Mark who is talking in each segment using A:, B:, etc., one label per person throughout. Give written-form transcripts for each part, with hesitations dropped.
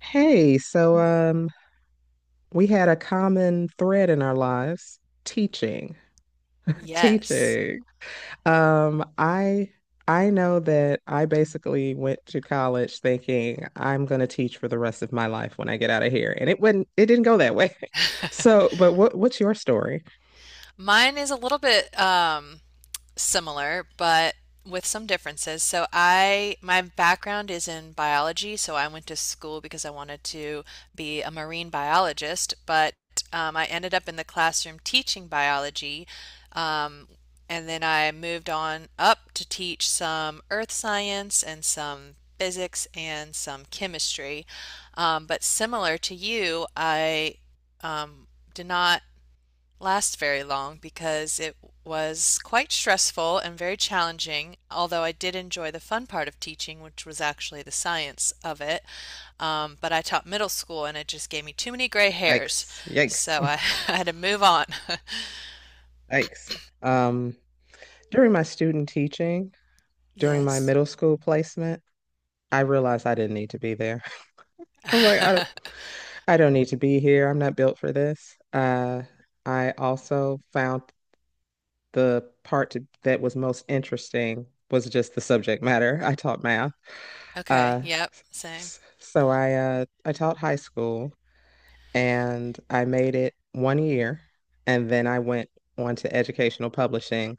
A: Hey, we had a common thread in our lives, teaching,
B: Yes.
A: teaching. Um, I I know that I basically went to college thinking I'm going to teach for the rest of my life when I get out of here, and it didn't go that way. So, but what's your story?
B: Mine is a little bit similar, but with some differences. So I my background is in biology, so I went to school because I wanted to be a marine biologist, but I ended up in the classroom teaching biology. Um, and then I moved on up to teach some earth science and some physics and some chemistry. But similar to you, I um, did not last very long because it was quite stressful and very challenging, although I did enjoy the fun part of teaching, which was actually the science of it. But I taught middle school and it just gave me too many gray hairs,
A: Yikes, yikes,
B: so I, I had to move on.
A: yikes. Um, during my student teaching, during my
B: Yes.
A: middle school placement, I realized I didn't need to be there. I'm like, I don't. I don't need to be here. I'm not built for this. I also found that was most interesting was just the subject matter. I taught math.
B: Okay.
A: Uh,
B: Yep. Same.
A: I taught high school and I made it one year, and then I went on to educational publishing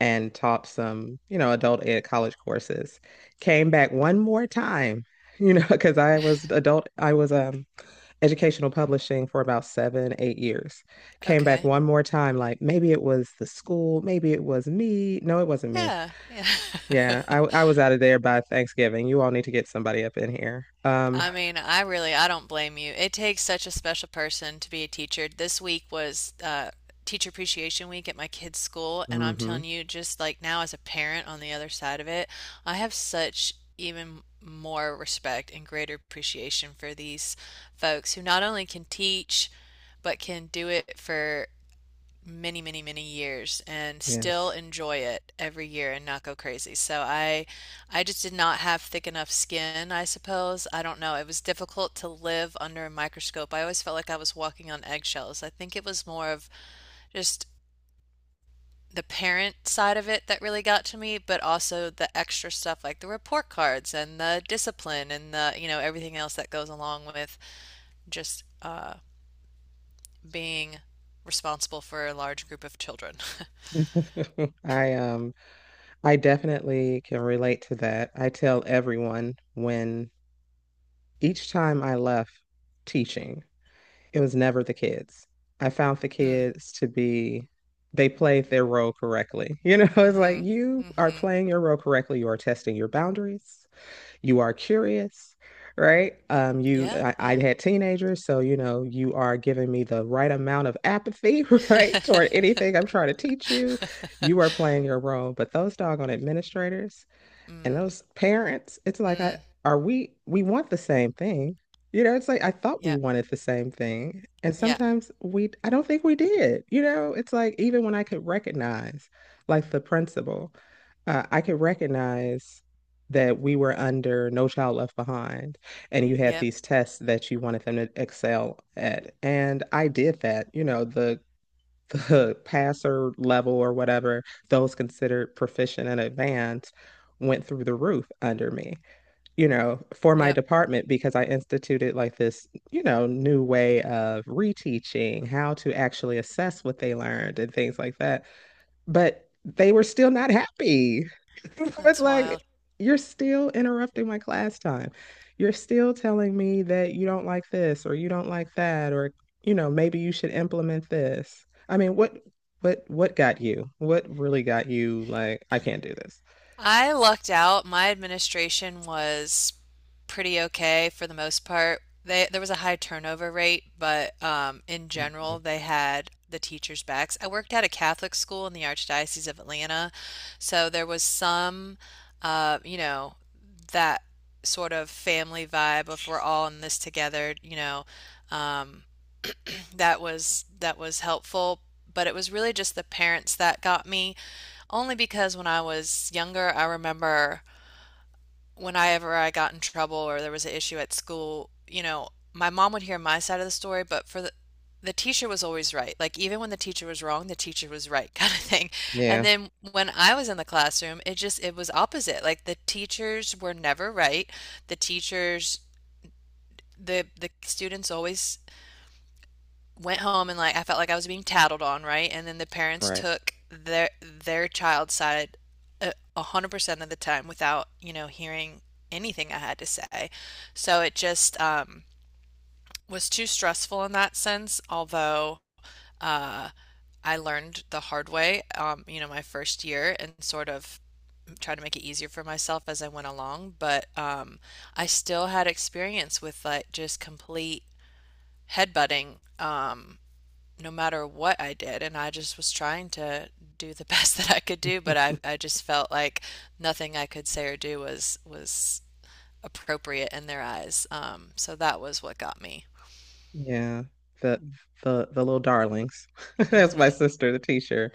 A: and taught some, you know, adult ed college courses. Came back one more time, you know, because I was adult. I was educational publishing for about 7, 8 years. Came back
B: Okay.
A: one more time, like maybe it was the school, maybe it was me. No, it wasn't me.
B: Yeah. Yeah.
A: Yeah, I I was out of there by Thanksgiving. You all need to get somebody up in here.
B: I mean, I don't blame you. It takes such a special person to be a teacher. This week was Teacher Appreciation Week at my kids' school, and I'm
A: Mhm,
B: telling you, just like now as a parent on the other side of it, I have such even more respect and greater appreciation for these folks who not only can teach, but can do it for many, many, many years and still
A: yes.
B: enjoy it every year and not go crazy. So I just did not have thick enough skin, I suppose. I don't know. It was difficult to live under a microscope. I always felt like I was walking on eggshells. I think it was more of just the parent side of it that really got to me, but also the extra stuff like the report cards and the discipline and the everything else that goes along with just being responsible for a large group of children.
A: I um I definitely can relate to that. I tell everyone when each time I left teaching, it was never the kids. I found the
B: Hmm.
A: kids to be, they played their role correctly. You know, it's
B: Mm-hmm.
A: like you are
B: Mm-hmm.
A: playing your role correctly. You are testing your boundaries. You are curious, right? Um, you,
B: Yeah,
A: I, I
B: yeah.
A: had teenagers, so you know, you are giving me the right amount of apathy, right, toward anything I'm trying to teach you. You are playing your role, but those doggone administrators, and
B: Mm,
A: those parents, it's like I
B: mm.
A: are we want the same thing. You know, it's like I thought we
B: Yeah,
A: wanted the same thing. And
B: yeah,
A: sometimes we I don't think we did. You know, it's like even when I could recognize like the principal, I could recognize that we were under No Child Left Behind and you had
B: yep,
A: these tests that you wanted them to excel at. And I did that. You know, the passer level or whatever, those considered proficient and advanced went through the roof under me, you know, for my
B: yep.
A: department because I instituted like this, you know, new way of reteaching, how to actually assess what they learned and things like that, but they were still not happy. It's
B: That's
A: like,
B: wild.
A: you're still interrupting my class time. You're still telling me that you don't like this or you don't like that, or, you know, maybe you should implement this. I mean, what got you? What really got you like, I can't do this?
B: I lucked out. My administration was pretty okay for the most part. They There was a high turnover rate, but in
A: Mhm.
B: general, they had the teachers' backs. I worked at a Catholic school in the Archdiocese of Atlanta, so there was some, uh, you know, that sort of family vibe of we're all in this together. You know, um, that was helpful, but it was really just the parents that got me. Only because when I was younger, I remember whenever I got in trouble or there was an issue at school, you know, my mom would hear my side of the story, but for the teacher was always right. Like even when the teacher was wrong, the teacher was right kind of thing. And
A: Yeah,
B: then when I was in the classroom, it was opposite. Like the teachers were never right. The teachers the students always went home and like I felt like I was being tattled on, right? And then the parents
A: right.
B: took their child's side a hundred percent of the time without, you know, hearing anything I had to say. So it just was too stressful in that sense, although I learned the hard way, you know, my first year and sort of tried to make it easier for myself as I went along. But I still had experience with like just complete headbutting. No matter what I did, and I just was trying to do the best that I could do, but I just felt like nothing I could say or do was appropriate in their eyes. So that was what got me.
A: Yeah. The, the little darlings, that's my
B: Mm-hmm.
A: sister, the teacher,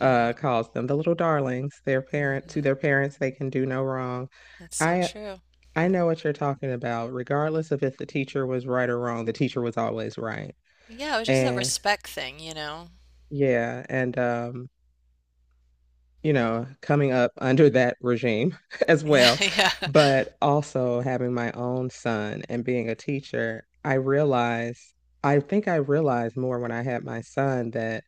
A: calls them, the little darlings.
B: Mm-hmm.
A: Their parents, they can do no wrong.
B: That's so
A: I
B: true.
A: I know what you're talking about. Regardless of if the teacher was right or wrong, the teacher was always right.
B: Yeah, it was just a
A: And
B: respect thing, you know.
A: Yeah, and you know, coming up under that regime as
B: Yeah,
A: well,
B: yeah.
A: but also having my own son and being a teacher, I think I realized more when I had my son that,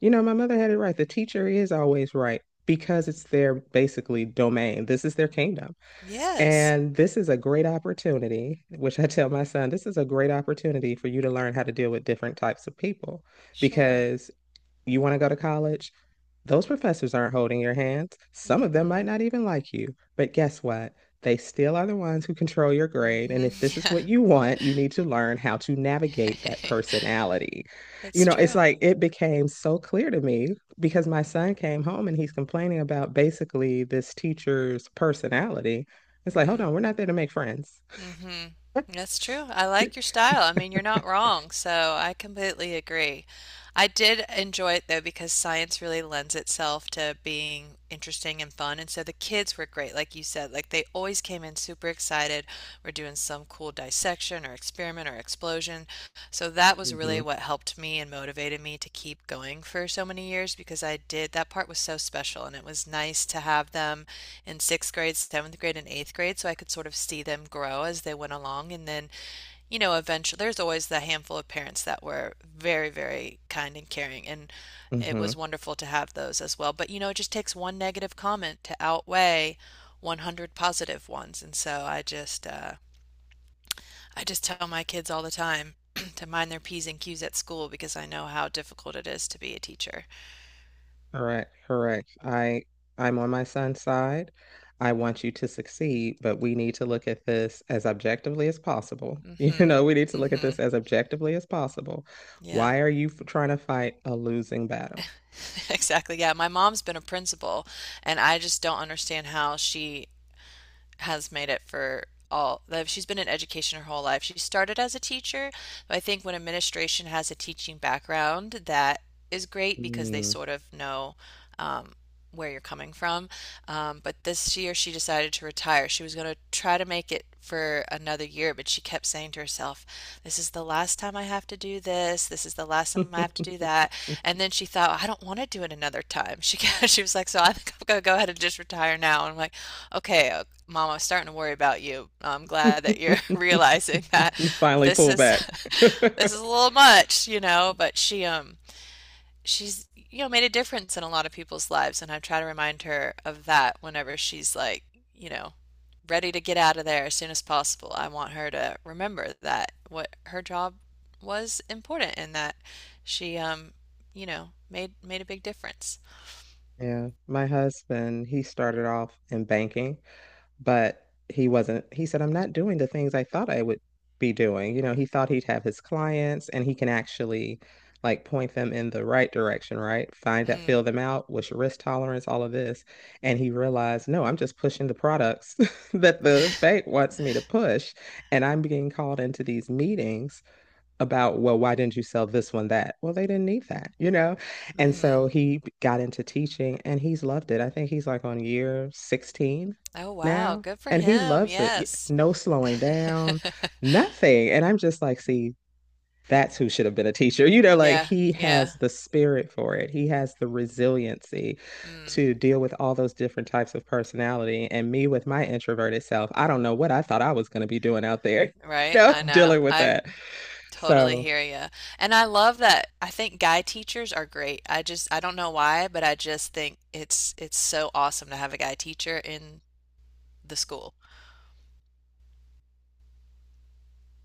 A: you know, my mother had it right. The teacher is always right because
B: Mhm.
A: it's their basically domain. This is their kingdom.
B: Yes,
A: And this is a great opportunity, which I tell my son, this is a great opportunity for you to learn how to deal with different types of people
B: sure.
A: because you want to go to college, those professors aren't holding your hands. Some of them might
B: Mm-mm.
A: not even like you. But guess what? They still are the ones who control your grade. And if this
B: Mm-hmm.
A: is what you want,
B: Yeah.
A: you need to learn how to navigate that personality. You
B: It's
A: know, it's
B: true.
A: like it became so clear to me because my son came home and he's complaining about basically this teacher's personality. It's like, hold
B: Mm.
A: on, we're not there to make friends.
B: Mm-hmm. That's true. I like your style. I mean, you're not wrong, so I completely agree. I did enjoy it though because science really lends itself to being interesting and fun, and so the kids were great, like you said. Like they always came in super excited. We're doing some cool dissection or experiment or explosion, so that was really
A: hmm
B: what helped me and motivated me to keep going for so many years because I did that part was so special and it was nice to have them in sixth grade, seventh grade, and eighth grade so I could sort of see them grow as they went along. And then, you know, eventually there's always the handful of parents that were very, very kind and caring. And it was
A: hmm
B: wonderful to have those as well. But, you know, it just takes one negative comment to outweigh 100 positive ones. And so I just tell my kids all the time to mind their P's and Q's at school because I know how difficult it is to be a teacher.
A: Correct, correct. I'm on my son's side. I want you to succeed, but we need to look at this as objectively as possible. You
B: Mhm.
A: know, we need to look at this
B: Mhm.
A: as objectively as possible.
B: Yeah.
A: Why are you trying to fight a losing battle?
B: Exactly. Yeah. My mom's been a principal, and I just don't understand how she has made it for all. She's been in education her whole life. She started as a teacher, but I think when administration has a teaching background, that is great because they
A: Hmm.
B: sort of know um, where you're coming from. But this year she decided to retire. She was going to try to make it for another year, but she kept saying to herself, this is the last time I have to do this. This is the last time I have to do that. And then she thought, I don't want to do it another time. She was like, so I think I'm going to go ahead and just retire now. And I'm like, okay, Mom, I was starting to worry about you. I'm glad that you're realizing that
A: You finally
B: this
A: pull
B: is
A: back.
B: this is a little much, you know, but she's you know made a difference in a lot of people's lives and I try to remind her of that whenever she's like, you know, ready to get out of there as soon as possible. I want her to remember that what her job was important and that she you know made a big difference.
A: Yeah, my husband, he started off in banking, but he wasn't. He said, I'm not doing the things I thought I would be doing. You know, he thought he'd have his clients and he can actually like point them in the right direction, right? Find that, fill
B: Mm,
A: them out, what's your risk tolerance, all of this. And he realized, no, I'm just pushing the products that the bank wants me to push. And I'm being called into these meetings about, well, why didn't you sell this one that? Well, they didn't need that, you know? And
B: mm-hmm.
A: so he got into teaching and he's loved it. I think he's like on year 16
B: Oh wow,
A: now
B: good for
A: and he
B: him.
A: loves it.
B: Yes.
A: No slowing down, nothing. And I'm just like, see, that's who should have been a teacher. You know, like
B: Yeah,
A: he has
B: yeah.
A: the spirit for it. He has the resiliency
B: Mm,
A: to deal with all those different types of personality. And me with my introverted self, I don't know what I thought I was going to be doing out there, you
B: right.
A: know,
B: I know.
A: dealing with
B: I
A: that.
B: totally
A: So
B: hear you. And I love that. I think guy teachers are great. I just I don't know why, but I just think it's so awesome to have a guy teacher in the school.